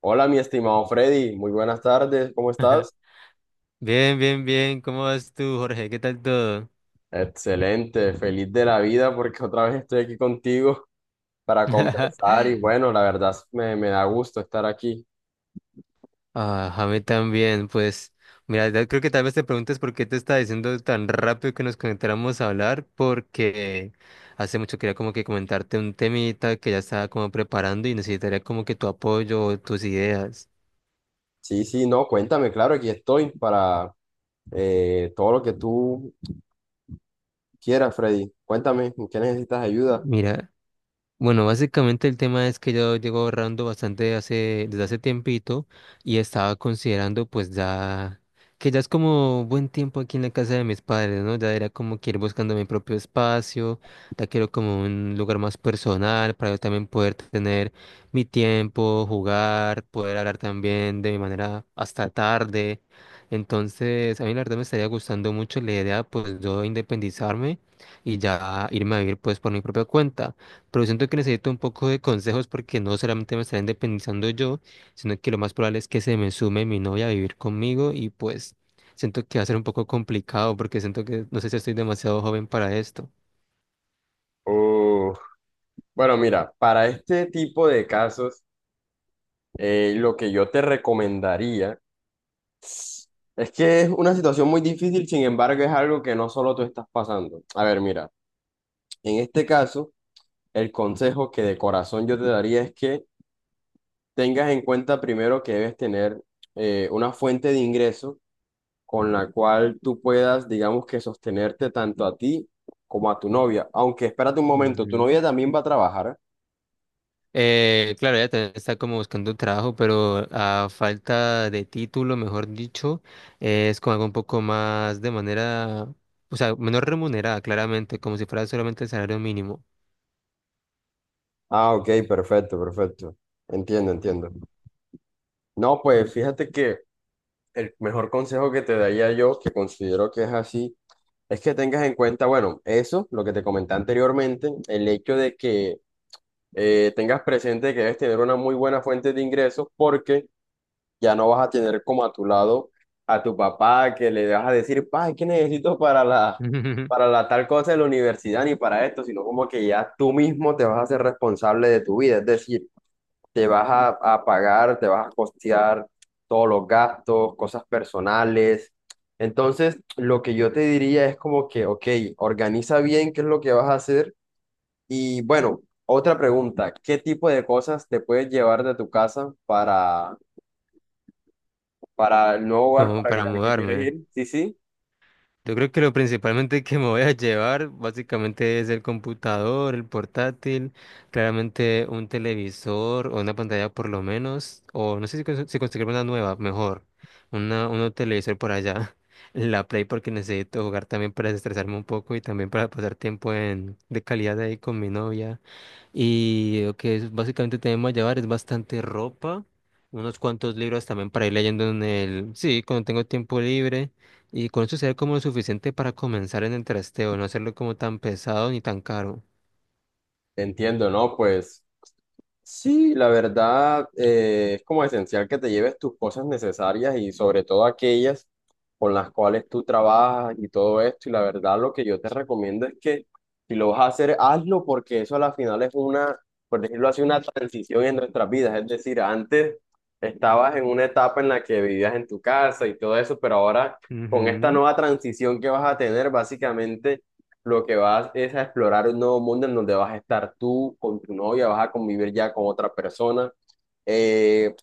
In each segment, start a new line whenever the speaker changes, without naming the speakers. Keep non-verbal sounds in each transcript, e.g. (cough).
Hola, mi estimado Freddy, muy buenas tardes, ¿cómo
(laughs)
estás?
Bien, bien, bien. ¿Cómo vas tú, Jorge? ¿Qué tal todo?
Excelente, feliz de la vida porque otra vez estoy aquí contigo para conversar y
(laughs)
bueno, me da gusto estar aquí.
Ah, a mí también, pues. Mira, ya creo que tal vez te preguntes por qué te estaba diciendo tan rápido que nos conectáramos a hablar, porque hace mucho quería como que comentarte un temita que ya estaba como preparando y necesitaría como que tu apoyo o tus ideas.
Sí, sí, no, cuéntame, claro, aquí estoy para todo lo que tú quieras, Freddy. Cuéntame, ¿en qué necesitas ayuda?
Mira. Bueno, básicamente el tema es que yo llevo ahorrando bastante hace, desde hace tiempito y estaba considerando pues ya que ya es como buen tiempo aquí en la casa de mis padres, ¿no? Ya era como que ir buscando mi propio espacio, ya quiero como un lugar más personal para yo también poder tener mi tiempo, jugar, poder hablar también de mi manera hasta tarde. Entonces, a mí la verdad me estaría gustando mucho la idea pues yo independizarme y ya irme a vivir pues por mi propia cuenta. Pero siento que necesito un poco de consejos porque no solamente me estaré independizando yo, sino que lo más probable es que se me sume mi novia a vivir conmigo y pues siento que va a ser un poco complicado porque siento que no sé si estoy demasiado joven para esto.
Uf, bueno, mira, para este tipo de casos, lo que yo te recomendaría es que es una situación muy difícil, sin embargo, es algo que no solo tú estás pasando. A ver, mira. En este caso, el consejo que de corazón yo te daría es que tengas en cuenta primero que debes tener una fuente de ingreso con la cual tú puedas, digamos que sostenerte tanto a ti como a tu novia. Aunque espérate un momento, ¿tu
Ujú.
novia también va a trabajar?
Claro, ella también está como buscando trabajo, pero a falta de título, mejor dicho, es como algo un poco más de manera, o sea, menor remunerada, claramente, como si fuera solamente el salario mínimo.
Ah, ok, perfecto, perfecto. Entiendo, entiendo. No, pues fíjate que el mejor consejo que te daría yo, que considero que es así, es que tengas en cuenta, bueno, eso, lo que te comenté anteriormente, el hecho de que tengas presente que debes tener una muy buena fuente de ingresos porque ya no vas a tener como a tu lado a tu papá que le vas a decir, pa, ¿qué necesito para para
(laughs)
la tal cosa de la universidad ni para esto? Sino como que ya tú mismo te vas a hacer responsable de tu vida, es decir, te vas a, a pagar, te vas a costear todos los gastos, cosas personales. Entonces, lo que yo te diría es como que, ok, organiza bien qué es lo que vas a hacer y bueno, otra pregunta, ¿qué tipo de cosas te puedes llevar de tu casa para el nuevo hogar
Como
para el
para
al que quieres
mudarme.
ir? Sí, sí,
Yo creo que lo principalmente que me voy a llevar básicamente es el computador, el portátil, claramente un televisor o una pantalla por lo menos, o no sé si, si conseguir una nueva, mejor, un televisor por allá, (laughs) la Play porque necesito jugar también para desestresarme un poco y también para pasar tiempo en, de calidad ahí con mi novia. Y básicamente tenemos a llevar es bastante ropa, unos cuantos libros también para ir leyendo en el, sí, cuando tengo tiempo libre. Y con eso se ve como lo suficiente para comenzar en el trasteo, no hacerlo como tan pesado ni tan caro.
entiendo, ¿no? Pues sí, la verdad, es como esencial que te lleves tus cosas necesarias y sobre todo aquellas con las cuales tú trabajas y todo esto. Y la verdad, lo que yo te recomiendo es que si lo vas a hacer, hazlo porque eso a la final es una, por decirlo así, una transición en nuestras vidas. Es decir, antes estabas en una etapa en la que vivías en tu casa y todo eso, pero ahora con esta
Ujú.
nueva transición que vas a tener, básicamente lo que vas es a explorar un nuevo mundo en donde vas a estar tú con tu novia, vas a convivir ya con otra persona, eh,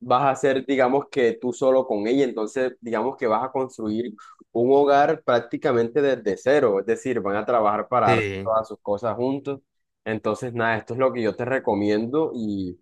vas a ser, digamos que tú solo con ella, entonces digamos que vas a construir un hogar prácticamente desde cero, es decir, van a trabajar para dar
Sí.
todas sus cosas juntos. Entonces, nada, esto es lo que yo te recomiendo y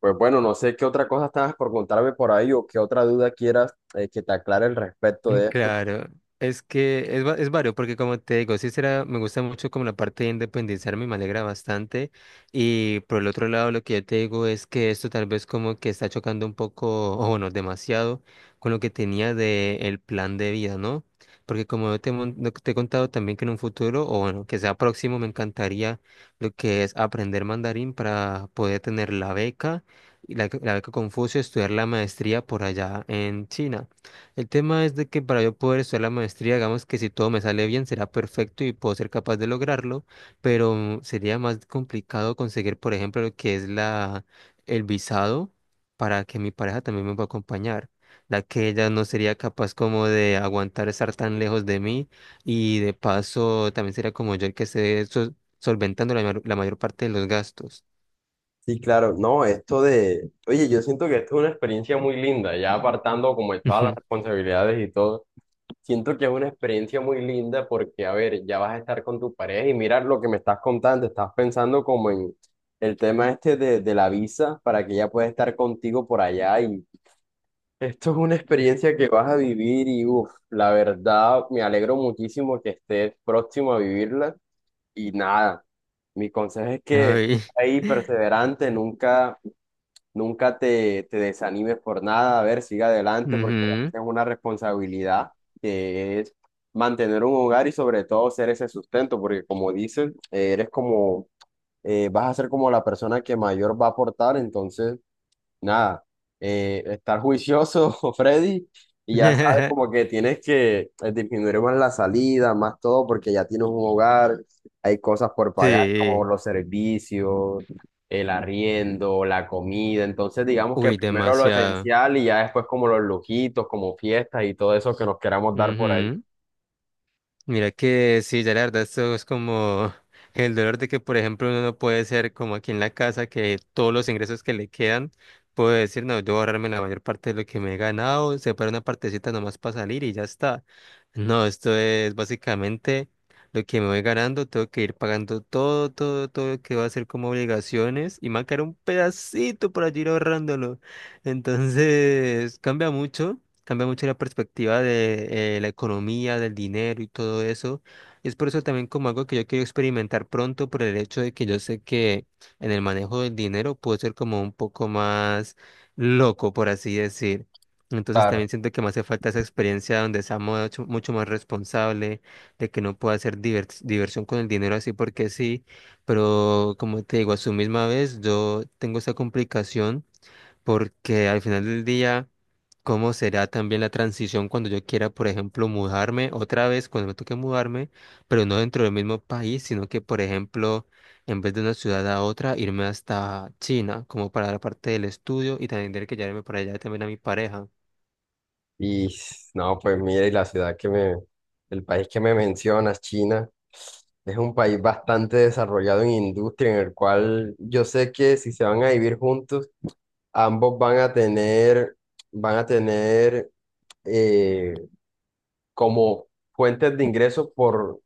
pues bueno, no sé qué otra cosa estabas por contarme por ahí o qué otra duda quieras, que te aclare al respecto de esto.
Claro, es que es vario, porque como te digo, sí será, me gusta mucho como la parte de independizarme, me alegra bastante, y por el otro lado lo que yo te digo es que esto tal vez como que está chocando un poco, o bueno, demasiado, con lo que tenía de el plan de vida, ¿no? Porque como yo lo que te he contado también que en un futuro, o bueno, que sea próximo, me encantaría lo que es aprender mandarín para poder tener la beca, y la beca Confucio, estudiar la maestría por allá en China. El tema es de que para yo poder estudiar la maestría, digamos que si todo me sale bien, será perfecto y puedo ser capaz de lograrlo, pero sería más complicado conseguir, por ejemplo, lo que es la, el visado para que mi pareja también me pueda acompañar, la que ella no sería capaz como de aguantar estar tan lejos de mí y de paso también sería como yo el que esté solventando la mayor parte de los gastos.
Sí, claro, no, esto de, oye, yo siento que esto es una experiencia muy linda, ya apartando como de todas las
Ujú.
responsabilidades y todo, siento que es una experiencia muy linda porque, a ver, ya vas a estar con tu pareja y mira lo que me estás contando, estás pensando como en el tema este de la visa para que ella pueda estar contigo por allá y esto es una experiencia que vas a vivir y, uff, la verdad, me alegro muchísimo que estés próximo a vivirla y nada, mi consejo es que
Ay.
ahí
(laughs)
perseverante, nunca. Nunca te desanimes por nada, a ver, siga adelante porque
Ujú.
es una responsabilidad que es mantener un hogar y sobre todo ser ese sustento, porque como dicen, eres como, vas a ser como la persona que mayor va a aportar, entonces nada, estar juicioso, (laughs) Freddy, y ya sabes
(laughs)
como que tienes que, disminuir más la salida, más todo, porque ya tienes un hogar, hay cosas por pagar, como
Sí.
los servicios, el arriendo, la comida, entonces digamos que
Uy,
primero lo
demasiado.
esencial y ya después como los lujitos, como fiestas y todo eso que nos queramos dar por ahí.
Ujú. Mira que sí, ya la verdad esto es como (laughs) el dolor de que, por ejemplo, uno no puede ser como aquí en la casa, que todos los ingresos que le quedan, puede decir, no, yo voy a ahorrarme la mayor parte de lo que me he ganado, separo una partecita nomás para salir y ya está. No, esto es básicamente lo que me voy ganando, tengo que ir pagando todo, todo, todo lo que va a ser como obligaciones y me va a quedar un pedacito por allí ir ahorrándolo. Entonces, cambia mucho. Cambia mucho la perspectiva de la economía, del dinero y todo eso. Y es por eso también como algo que yo quiero experimentar pronto por el hecho de que yo sé que en el manejo del dinero puedo ser como un poco más loco, por así decir. Entonces
Claro.
también siento que me hace falta esa experiencia donde sea mucho, mucho más responsable, de que no pueda hacer diversión con el dinero así porque sí. Pero como te digo, a su misma vez yo tengo esa complicación porque al final del día cómo será también la transición cuando yo quiera, por ejemplo, mudarme otra vez, cuando me toque mudarme, pero no dentro del mismo país, sino que, por ejemplo, en vez de una ciudad a otra, irme hasta China, como para la parte del estudio y también tener que llevarme para allá también a mi pareja.
Y no, pues mira, y la ciudad el país que me mencionas, China, es un país bastante desarrollado en industria, en el cual yo sé que si se van a vivir juntos, ambos van a tener eh, como fuentes de ingresos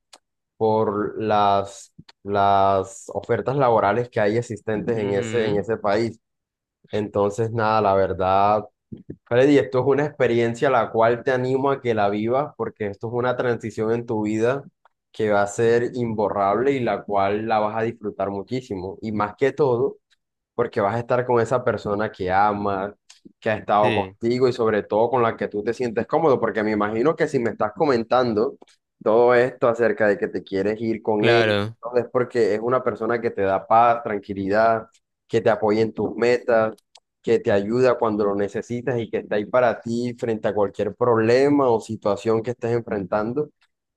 por las ofertas laborales que hay existentes en
Ujú.
ese país. Entonces, nada, la verdad. Freddy, esto es una experiencia la cual te animo a que la vivas porque esto es una transición en tu vida que va a ser imborrable y la cual la vas a disfrutar muchísimo. Y más que todo, porque vas a estar con esa persona que amas, que ha estado
Sí,
contigo y sobre todo con la que tú te sientes cómodo, porque me imagino que si me estás comentando todo esto acerca de que te quieres ir con ella,
claro.
es porque es una persona que te da paz, tranquilidad, que te apoya en tus metas, que te ayuda cuando lo necesitas y que está ahí para ti frente a cualquier problema o situación que estés enfrentando.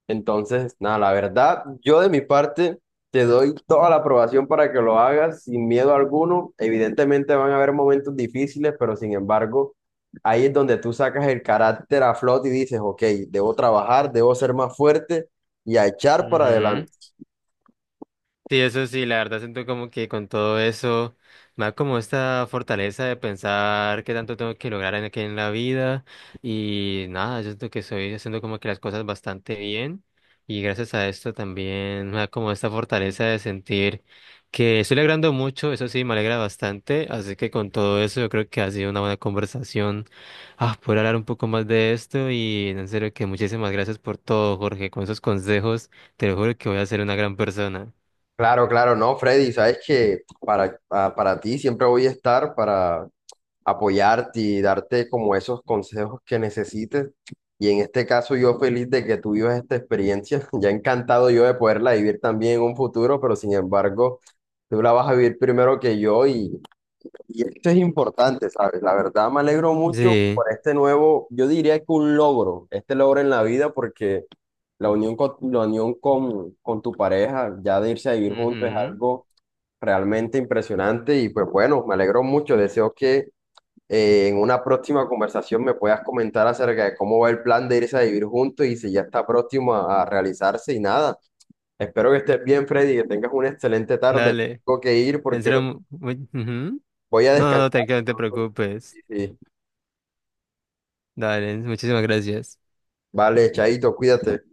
Entonces, nada, la verdad, yo de mi parte te doy toda la aprobación para que lo hagas sin miedo alguno. Evidentemente van a haber momentos difíciles, pero sin embargo, ahí es donde tú sacas el carácter a flote y dices, ok, debo trabajar, debo ser más fuerte y a echar para
Ujú.
adelante.
Sí, eso sí, la verdad siento como que con todo eso me da como esta fortaleza de pensar qué tanto tengo que lograr en aquí en la vida y nada, yo siento que estoy haciendo como que las cosas bastante bien y gracias a esto también me da como esta fortaleza de sentir que estoy logrando mucho, eso sí, me alegra bastante, así que con todo eso yo creo que ha sido una buena conversación, ah, poder hablar un poco más de esto y en serio que muchísimas gracias por todo, Jorge, con esos consejos, te lo juro que voy a ser una gran persona.
Claro, claro, no, Freddy, sabes que para ti siempre voy a estar para apoyarte y darte como esos consejos que necesites. Y en este caso yo feliz de que tú vivas esta experiencia, (laughs) ya encantado yo de poderla vivir también en un futuro, pero sin embargo, tú la vas a vivir primero que yo y esto es importante, ¿sabes? La verdad me alegro mucho
Sí.
por este nuevo, yo diría que un logro, este logro en la vida porque la unión con tu pareja, ya de irse a vivir juntos es
Ujú.
algo realmente impresionante y pues bueno, me alegro mucho, deseo que, en una próxima conversación me puedas comentar acerca de cómo va el plan de irse a vivir juntos y si ya está próximo a realizarse y nada. Espero que estés bien, Freddy, que tengas una excelente tarde.
Dale.
Tengo que ir
En
porque
serio, ujú.
voy a
No, no,
descansar.
no,
(laughs)
tranquilo, no te preocupes.
Y,
Dale, muchísimas gracias.
vale, Chaito, cuídate.